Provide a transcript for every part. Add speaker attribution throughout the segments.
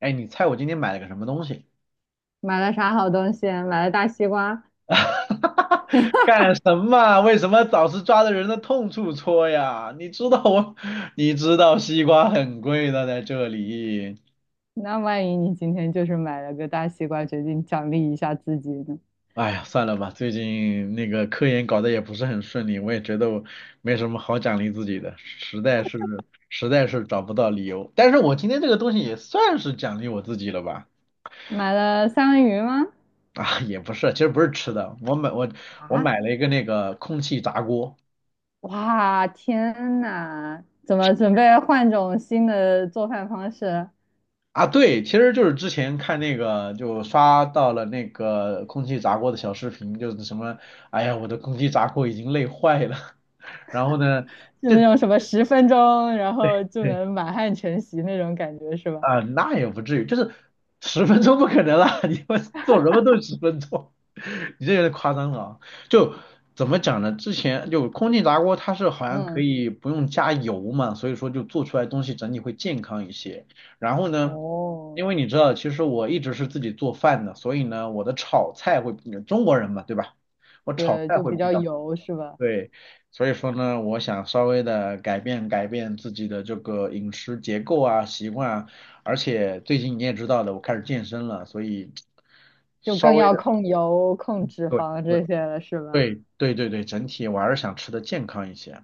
Speaker 1: 哎，你猜我今天买了个什么东西？
Speaker 2: 买了啥好东西？买了大西瓜。
Speaker 1: 干什么？为什么早是抓着人的痛处戳呀？你知道西瓜很贵的，在这里。
Speaker 2: 那万一你今天就是买了个大西瓜，决定奖励一下自己呢？
Speaker 1: 哎呀，算了吧，最近那个科研搞得也不是很顺利，我也觉得我没什么好奖励自己的，实在是找不到理由。但是我今天这个东西也算是奖励我自己了吧？
Speaker 2: 买了三文鱼吗？
Speaker 1: 啊，也不是，其实不是吃的，我
Speaker 2: 啊，
Speaker 1: 买了一个那个空气炸锅。
Speaker 2: 哇，天呐，怎么准备换种新的做饭方式？
Speaker 1: 啊，对，其实就是之前看那个，就刷到了那个空气炸锅的小视频，就是什么，哎呀，我的空气炸锅已经累坏了。然后呢，
Speaker 2: 就那种什么十分钟，然后就
Speaker 1: 对。
Speaker 2: 能满汉全席那种感觉是吧？
Speaker 1: 啊、那也不至于，就是十分钟不可能啦，你们做什么都10分钟，你这有点夸张了啊。就怎么讲呢？之前就空气炸锅，它是好像可
Speaker 2: 嗯。
Speaker 1: 以不用加油嘛，所以说就做出来的东西整体会健康一些。然后呢，
Speaker 2: 哦，
Speaker 1: 因为你知道，其实我一直是自己做饭的，所以呢，我的炒菜会，中国人嘛，对吧？我炒
Speaker 2: 对，
Speaker 1: 菜
Speaker 2: 就
Speaker 1: 会
Speaker 2: 比
Speaker 1: 比
Speaker 2: 较
Speaker 1: 较。
Speaker 2: 油是吧？
Speaker 1: 对，所以说呢，我想稍微的改变改变自己的这个饮食结构啊、习惯啊，而且最近你也知道的，我开始健身了，所以
Speaker 2: 就
Speaker 1: 稍
Speaker 2: 更
Speaker 1: 微
Speaker 2: 要
Speaker 1: 的，
Speaker 2: 控油、控脂
Speaker 1: 对
Speaker 2: 肪这些了是吧？
Speaker 1: 对对对对对，整体我还是想吃的健康一些。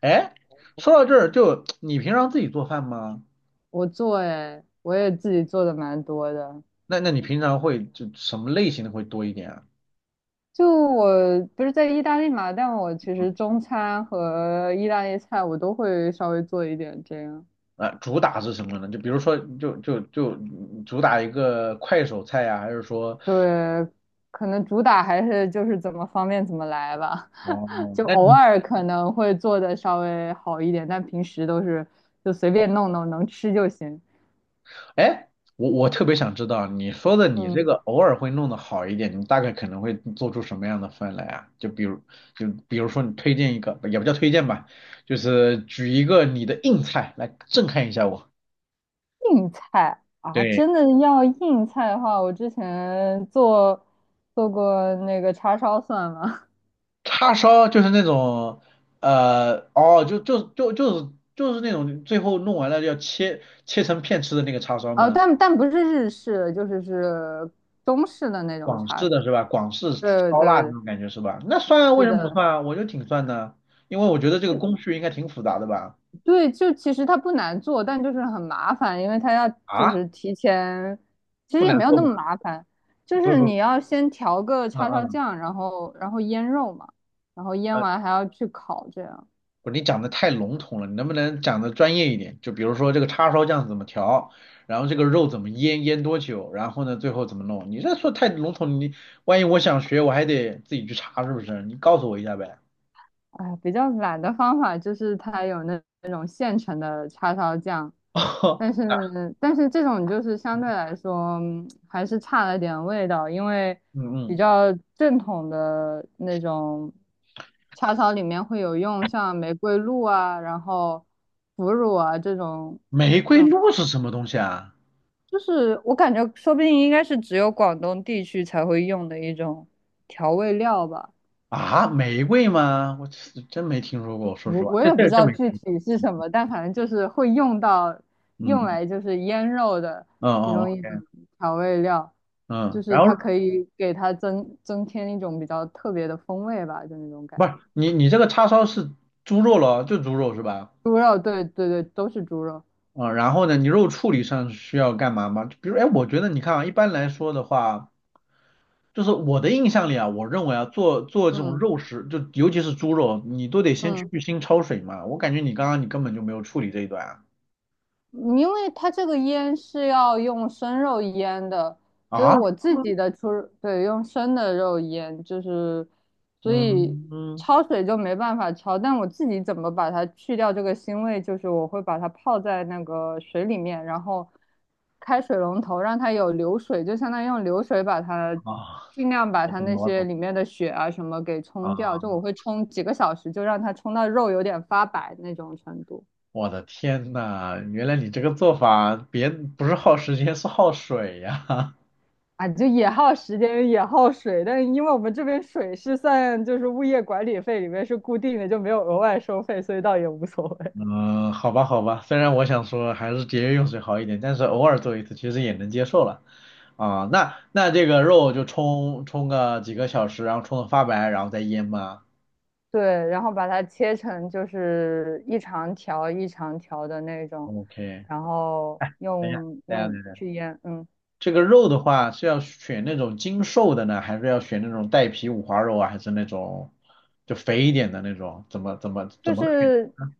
Speaker 1: 哎，说到这儿，就你平常自己做饭吗？
Speaker 2: 我做，哎，我也自己做的蛮多的。
Speaker 1: 那你平常会就什么类型的会多一点啊？
Speaker 2: 就我不是在意大利嘛，但我其实中餐和意大利菜我都会稍微做一点这样。
Speaker 1: 啊，主打是什么呢？就比如说，就主打一个快手菜呀、还是说，
Speaker 2: 对，可能主打还是就是怎么方便怎么来吧，
Speaker 1: 哦，
Speaker 2: 就
Speaker 1: 那
Speaker 2: 偶
Speaker 1: 你？
Speaker 2: 尔可能会做的稍微好一点，但平时都是就随便弄弄，能吃就行。
Speaker 1: 哎，我特别想知道，你说的你这
Speaker 2: 嗯，
Speaker 1: 个偶尔会弄得好一点，你大概可能会做出什么样的饭来啊？就比如，就比如说你推荐一个，也不叫推荐吧，就是举一个你的硬菜来震撼一下我。
Speaker 2: 硬菜啊，
Speaker 1: 对，
Speaker 2: 真的要硬菜的话，我之前做过那个叉烧算吗？
Speaker 1: 叉烧就是那种，哦，就是那种最后弄完了要切成片吃的那个叉烧
Speaker 2: 呃，
Speaker 1: 吗？
Speaker 2: 但不是日式，就是中式的那种
Speaker 1: 广
Speaker 2: 叉
Speaker 1: 式
Speaker 2: 烧。
Speaker 1: 的是吧？广式
Speaker 2: 对
Speaker 1: 烧腊那
Speaker 2: 对，
Speaker 1: 种感觉是吧？那算啊，为
Speaker 2: 是
Speaker 1: 什么不
Speaker 2: 的，
Speaker 1: 算啊？我觉得挺算的啊，因为我觉得这个
Speaker 2: 就
Speaker 1: 工序应该挺复杂的吧。
Speaker 2: 对，就其实它不难做，但就是很麻烦，因为它要就
Speaker 1: 啊，
Speaker 2: 是提前，其
Speaker 1: 不
Speaker 2: 实也
Speaker 1: 难
Speaker 2: 没有
Speaker 1: 做
Speaker 2: 那
Speaker 1: 吗？
Speaker 2: 么麻烦，就
Speaker 1: 不
Speaker 2: 是
Speaker 1: 不，
Speaker 2: 你要先调个
Speaker 1: 嗯
Speaker 2: 叉烧
Speaker 1: 嗯
Speaker 2: 酱，然后腌肉嘛，然后腌
Speaker 1: 嗯，
Speaker 2: 完还要去烤，这样。
Speaker 1: 不，你讲的太笼统了，你能不能讲的专业一点？就比如说这个叉烧酱怎么调，然后这个肉怎么腌，腌多久，然后呢最后怎么弄？你这说太笼统，你万一我想学，我还得自己去查，是不是？你告诉我一下呗。
Speaker 2: 哎，比较懒的方法就是它有那种现成的叉烧酱，
Speaker 1: 哦，
Speaker 2: 但是这种就是相对来说还是差了点味道，因为
Speaker 1: 嗯
Speaker 2: 比
Speaker 1: 嗯，
Speaker 2: 较正统的那种叉烧里面会有用像玫瑰露啊，然后腐乳啊这种
Speaker 1: 玫
Speaker 2: 这
Speaker 1: 瑰
Speaker 2: 种，
Speaker 1: 露是什么东西啊？
Speaker 2: 就是我感觉说不定应该是只有广东地区才会用的一种调味料吧。
Speaker 1: 啊，玫瑰吗？我这真没听说过，说实
Speaker 2: 我
Speaker 1: 话，
Speaker 2: 我
Speaker 1: 这
Speaker 2: 也不
Speaker 1: 这
Speaker 2: 知
Speaker 1: 真
Speaker 2: 道
Speaker 1: 没，
Speaker 2: 具体是什么，但反正就是会用到，用
Speaker 1: 嗯
Speaker 2: 来就是腌肉的
Speaker 1: 嗯
Speaker 2: 其
Speaker 1: 嗯
Speaker 2: 中一种
Speaker 1: ，OK，
Speaker 2: 调味料，就
Speaker 1: 嗯，
Speaker 2: 是
Speaker 1: 然后
Speaker 2: 它可以给它增添一种比较特别的风味吧，就那种
Speaker 1: 不
Speaker 2: 感
Speaker 1: 是
Speaker 2: 觉。
Speaker 1: 你这个叉烧是猪肉咯，就猪肉是吧？
Speaker 2: 猪肉，对对对，都是猪肉。
Speaker 1: 啊、然后呢，你肉处理上需要干嘛吗？比如，哎，我觉得你看啊，一般来说的话，就是我的印象里啊，我认为啊，做做这种肉
Speaker 2: 嗯
Speaker 1: 食，就尤其是猪肉，你都得先去
Speaker 2: 嗯。
Speaker 1: 腥焯水嘛。我感觉你刚刚你根本就没有处理这一段啊。
Speaker 2: 因为它这个腌是要用生肉腌的，所以
Speaker 1: 啊，
Speaker 2: 我自
Speaker 1: 嗯
Speaker 2: 己的出，对，用生的肉腌，就是，所以
Speaker 1: 嗯嗯
Speaker 2: 焯水就没办法焯，但我自己怎么把它去掉这个腥味，就是我会把它泡在那个水里面，然后开水龙头让它有流水，就相当于用流水把它
Speaker 1: 啊，
Speaker 2: 尽量把
Speaker 1: 我
Speaker 2: 它
Speaker 1: 懂
Speaker 2: 那
Speaker 1: 了，我
Speaker 2: 些
Speaker 1: 懂
Speaker 2: 里面的血啊什么给冲掉，就我
Speaker 1: 啊。
Speaker 2: 会冲几个小时，就让它冲到肉有点发白那种程度。
Speaker 1: 我的天呐，原来你这个做法别不是耗时间，是耗水呀、
Speaker 2: 啊，就也耗时间，也耗水，但是因为我们这边水是算就是物业管理费里面是固定的，就没有额外收费，所以倒也无所谓。
Speaker 1: 嗯，好吧，好吧，虽然我想说还是节约用水好一点，但是偶尔做一次其实也能接受了。啊，那这个肉就冲个几个小时，然后冲的发白，然后再腌吗
Speaker 2: 对，然后把它切成就是一长条一长条的那种，
Speaker 1: ？OK，
Speaker 2: 然后
Speaker 1: 等一下，
Speaker 2: 用
Speaker 1: 等一下，
Speaker 2: 用
Speaker 1: 等一下，
Speaker 2: 去腌，嗯。
Speaker 1: 这个肉的话是要选那种精瘦的呢，还是要选那种带皮五花肉啊，还是那种就肥一点的那种？怎么怎么怎
Speaker 2: 就
Speaker 1: 么个选
Speaker 2: 是
Speaker 1: 呢？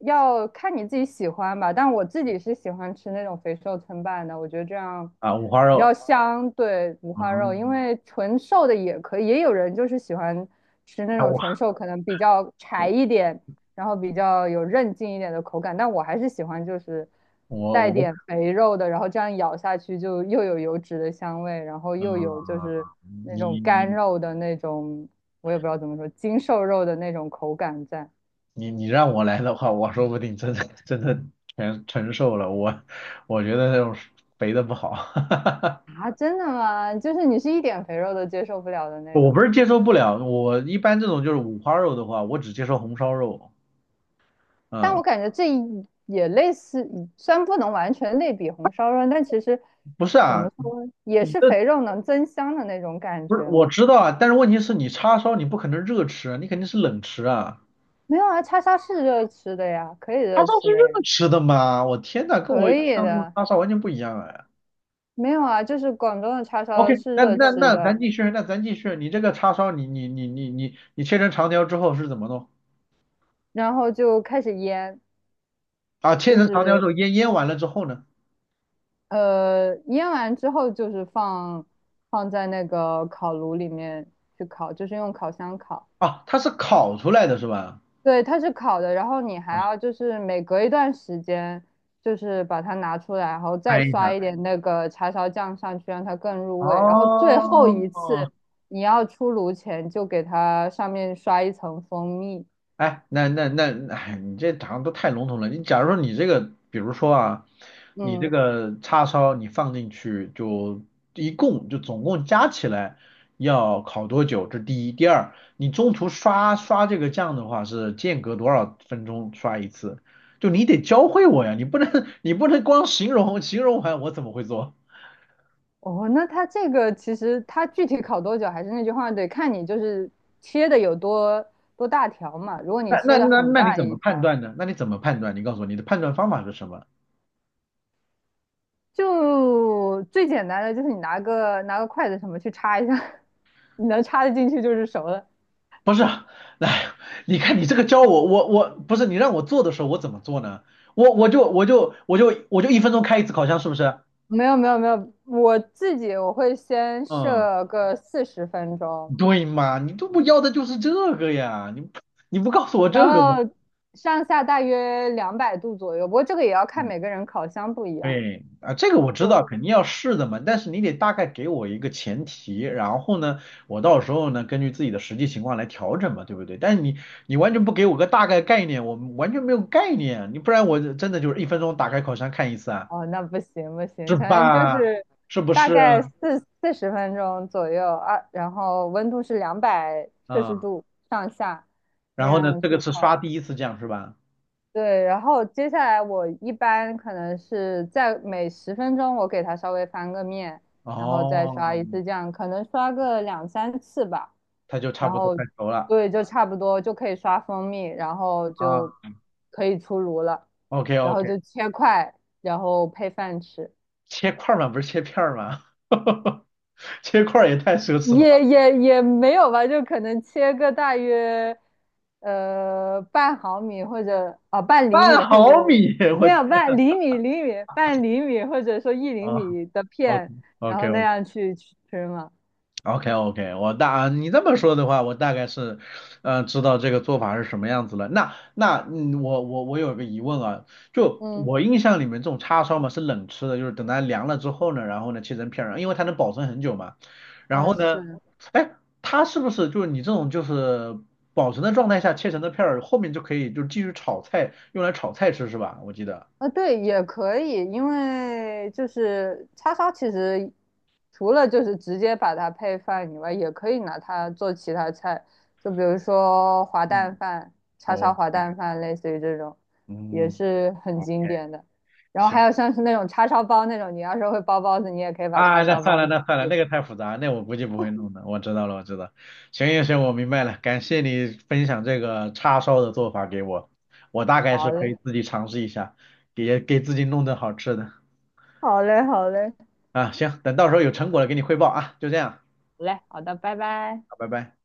Speaker 2: 要看你自己喜欢吧，但我自己是喜欢吃那种肥瘦参半的，我觉得这样
Speaker 1: 啊，五花
Speaker 2: 比较
Speaker 1: 肉，
Speaker 2: 香，对，五花肉，因
Speaker 1: 嗯，
Speaker 2: 为纯瘦的也可以，也有人就是喜欢吃那
Speaker 1: 哎
Speaker 2: 种
Speaker 1: 我
Speaker 2: 纯瘦，可能比较柴一点，然后比较有韧劲一点的口感，但我还是喜欢就是
Speaker 1: 我
Speaker 2: 带
Speaker 1: 我，我
Speaker 2: 点肥肉的，然后这样咬下去就又有油脂的香味，然后又有就是那种
Speaker 1: 嗯，
Speaker 2: 干
Speaker 1: 你
Speaker 2: 肉的那种，我也不知道怎么说，精瘦肉的那种口感在。
Speaker 1: 你你让我来的话，我说不定真的真的全承受了。我觉得那种肥的不好，
Speaker 2: 啊，真的吗？就是你是一点肥肉都接受不了的 那
Speaker 1: 我
Speaker 2: 种
Speaker 1: 不是
Speaker 2: 吗？
Speaker 1: 接受不了。我一般这种就是五花肉的话，我只接受红烧肉。
Speaker 2: 但
Speaker 1: 嗯，
Speaker 2: 我感觉这一也类似，虽然不能完全类比红烧肉，但其实
Speaker 1: 不是
Speaker 2: 怎
Speaker 1: 啊，
Speaker 2: 么说，也
Speaker 1: 你
Speaker 2: 是
Speaker 1: 这
Speaker 2: 肥肉能增香的那种感
Speaker 1: 不是
Speaker 2: 觉
Speaker 1: 我
Speaker 2: 啊。
Speaker 1: 知道啊，但是问题是你叉烧你不可能热吃啊，你肯定是冷吃啊。
Speaker 2: 没有啊，叉烧是热吃的呀，可以
Speaker 1: 叉
Speaker 2: 热
Speaker 1: 烧是
Speaker 2: 吃的
Speaker 1: 热
Speaker 2: 呀，
Speaker 1: 吃的吗？我天呐，跟我
Speaker 2: 可
Speaker 1: 印
Speaker 2: 以
Speaker 1: 象中的
Speaker 2: 的。
Speaker 1: 叉烧完全不一样哎。
Speaker 2: 没有啊，就是广东的叉烧
Speaker 1: OK，
Speaker 2: 是
Speaker 1: 那
Speaker 2: 热
Speaker 1: 那
Speaker 2: 吃
Speaker 1: 那咱
Speaker 2: 的，
Speaker 1: 继续，那咱继续。你这个叉烧你切成长条之后是怎么弄？
Speaker 2: 然后就开始腌，
Speaker 1: 啊，切
Speaker 2: 就
Speaker 1: 成长条之
Speaker 2: 是
Speaker 1: 后腌完了之后呢？
Speaker 2: 腌完之后就是放在那个烤炉里面去烤，就是用烤箱烤。
Speaker 1: 啊，它是烤出来的是吧？
Speaker 2: 对，它是烤的，然后你还要就是每隔一段时间，就是把它拿出来，然后
Speaker 1: 啊，
Speaker 2: 再
Speaker 1: 译一
Speaker 2: 刷
Speaker 1: 下。
Speaker 2: 一点那个叉烧酱上去，让它更入味。然后最后一次
Speaker 1: 哦，
Speaker 2: 你要出炉前，就给它上面刷一层蜂蜜。
Speaker 1: 哎，那，哎，你这好像都太笼统了。你假如说你这个，比如说啊，你这
Speaker 2: 嗯，
Speaker 1: 个叉烧你放进去就一共就总共加起来要烤多久？这第一，第二，你中途刷这个酱的话是间隔多少分钟刷一次？就你得教会我呀，你不能 你不能光形容形容完我怎么会做？
Speaker 2: 哦，那它这个其实它具体烤多久，还是那句话，得看你就是切的有多大条嘛。如果你
Speaker 1: 那那
Speaker 2: 切的
Speaker 1: 那
Speaker 2: 很
Speaker 1: 那你
Speaker 2: 大
Speaker 1: 怎么
Speaker 2: 一
Speaker 1: 判
Speaker 2: 条，
Speaker 1: 断呢？那你怎么判断？你告诉我你的判断方法是什么？
Speaker 2: 就最简单的就是你拿个筷子什么去插一下，你能插得进去就是熟的。
Speaker 1: 不是啊，来，你看你这个教我，我不是你让我做的时候我怎么做呢？我就一分钟开一次烤箱，是不是？
Speaker 2: 没有没有没有，我自己我会先
Speaker 1: 嗯，
Speaker 2: 设个四十分钟，
Speaker 1: 对嘛，你都不要的就是这个呀，你不告诉我
Speaker 2: 然
Speaker 1: 这个吗？
Speaker 2: 后上下大约200度左右。不过这个也要看每个人烤箱不一样。
Speaker 1: 对啊，这个我知道，
Speaker 2: 就
Speaker 1: 肯定要试的嘛，但是你得大概给我一个前提，然后呢，我到时候呢根据自己的实际情况来调整嘛，对不对？但是你完全不给我个大概概念，我完全没有概念，你不然我真的就是一分钟打开烤箱看一次啊，
Speaker 2: 哦，那不行不行，
Speaker 1: 是
Speaker 2: 反正就
Speaker 1: 吧？
Speaker 2: 是
Speaker 1: 是不
Speaker 2: 大
Speaker 1: 是？
Speaker 2: 概四十分钟左右啊，然后温度是两百摄氏
Speaker 1: 嗯，
Speaker 2: 度上下那
Speaker 1: 然后呢，
Speaker 2: 样
Speaker 1: 这
Speaker 2: 去
Speaker 1: 个是
Speaker 2: 烤。
Speaker 1: 刷第一次酱是吧？
Speaker 2: 对，然后接下来我一般可能是在每十分钟我给它稍微翻个面，然后再刷
Speaker 1: 哦，
Speaker 2: 一次酱，可能刷个两三次吧，
Speaker 1: 它就差
Speaker 2: 然
Speaker 1: 不多
Speaker 2: 后
Speaker 1: 快熟了
Speaker 2: 对，就差不多就可以刷蜂蜜，然后就
Speaker 1: 啊。
Speaker 2: 可以出炉了，
Speaker 1: OK
Speaker 2: 然
Speaker 1: OK，
Speaker 2: 后就切块，然后配饭吃。
Speaker 1: 切块儿嘛，不是切片儿嘛，切块儿也太奢侈
Speaker 2: 也
Speaker 1: 了。
Speaker 2: 也也没有吧，就可能切个大约半毫米或者啊、半厘
Speaker 1: 半
Speaker 2: 米或者
Speaker 1: 毫米，我
Speaker 2: 没有半厘米或者说一厘
Speaker 1: 啊
Speaker 2: 米的
Speaker 1: ，OK
Speaker 2: 片，然
Speaker 1: OK
Speaker 2: 后那
Speaker 1: OK
Speaker 2: 样去吃嘛。
Speaker 1: OK OK，我大你这么说的话，我大概是，知道这个做法是什么样子了。那，我有个疑问啊，就
Speaker 2: 嗯，
Speaker 1: 我印象里面这种叉烧嘛是冷吃的，就是等它凉了之后呢，然后呢切成片儿，因为它能保存很久嘛。然
Speaker 2: 哦
Speaker 1: 后呢，
Speaker 2: 是，
Speaker 1: 哎，它是不是就是你这种就是保存的状态下切成的片儿，后面就可以就继续炒菜，用来炒菜吃是吧？我记得，
Speaker 2: 啊，对，也可以，因为就是叉烧，其实除了就是直接把它配饭以外，也可以拿它做其他菜，就比如说滑蛋
Speaker 1: 嗯
Speaker 2: 饭、叉烧滑
Speaker 1: ，OK，
Speaker 2: 蛋饭，类似于这种，也
Speaker 1: 嗯，
Speaker 2: 是很
Speaker 1: 好，
Speaker 2: 经典的。然后还
Speaker 1: 行。
Speaker 2: 有像是那种叉烧包那种，你要是会包包子，你也可以把
Speaker 1: 啊，
Speaker 2: 叉
Speaker 1: 那
Speaker 2: 烧
Speaker 1: 算
Speaker 2: 包
Speaker 1: 了，
Speaker 2: 进
Speaker 1: 那算了，
Speaker 2: 去。
Speaker 1: 那个太复杂，那我估计不会弄的。我知道了，我知道。行行行，我明白了，感谢你分享这个叉烧的做法给我，我大概是
Speaker 2: 好
Speaker 1: 可以
Speaker 2: 嘞，
Speaker 1: 自己尝试一下，给自己弄顿好吃的。
Speaker 2: 好嘞，好嘞，
Speaker 1: 啊，行，等到时候有成果了给你汇报啊，就这样，
Speaker 2: 好嘞，好的，拜拜。
Speaker 1: 好拜拜。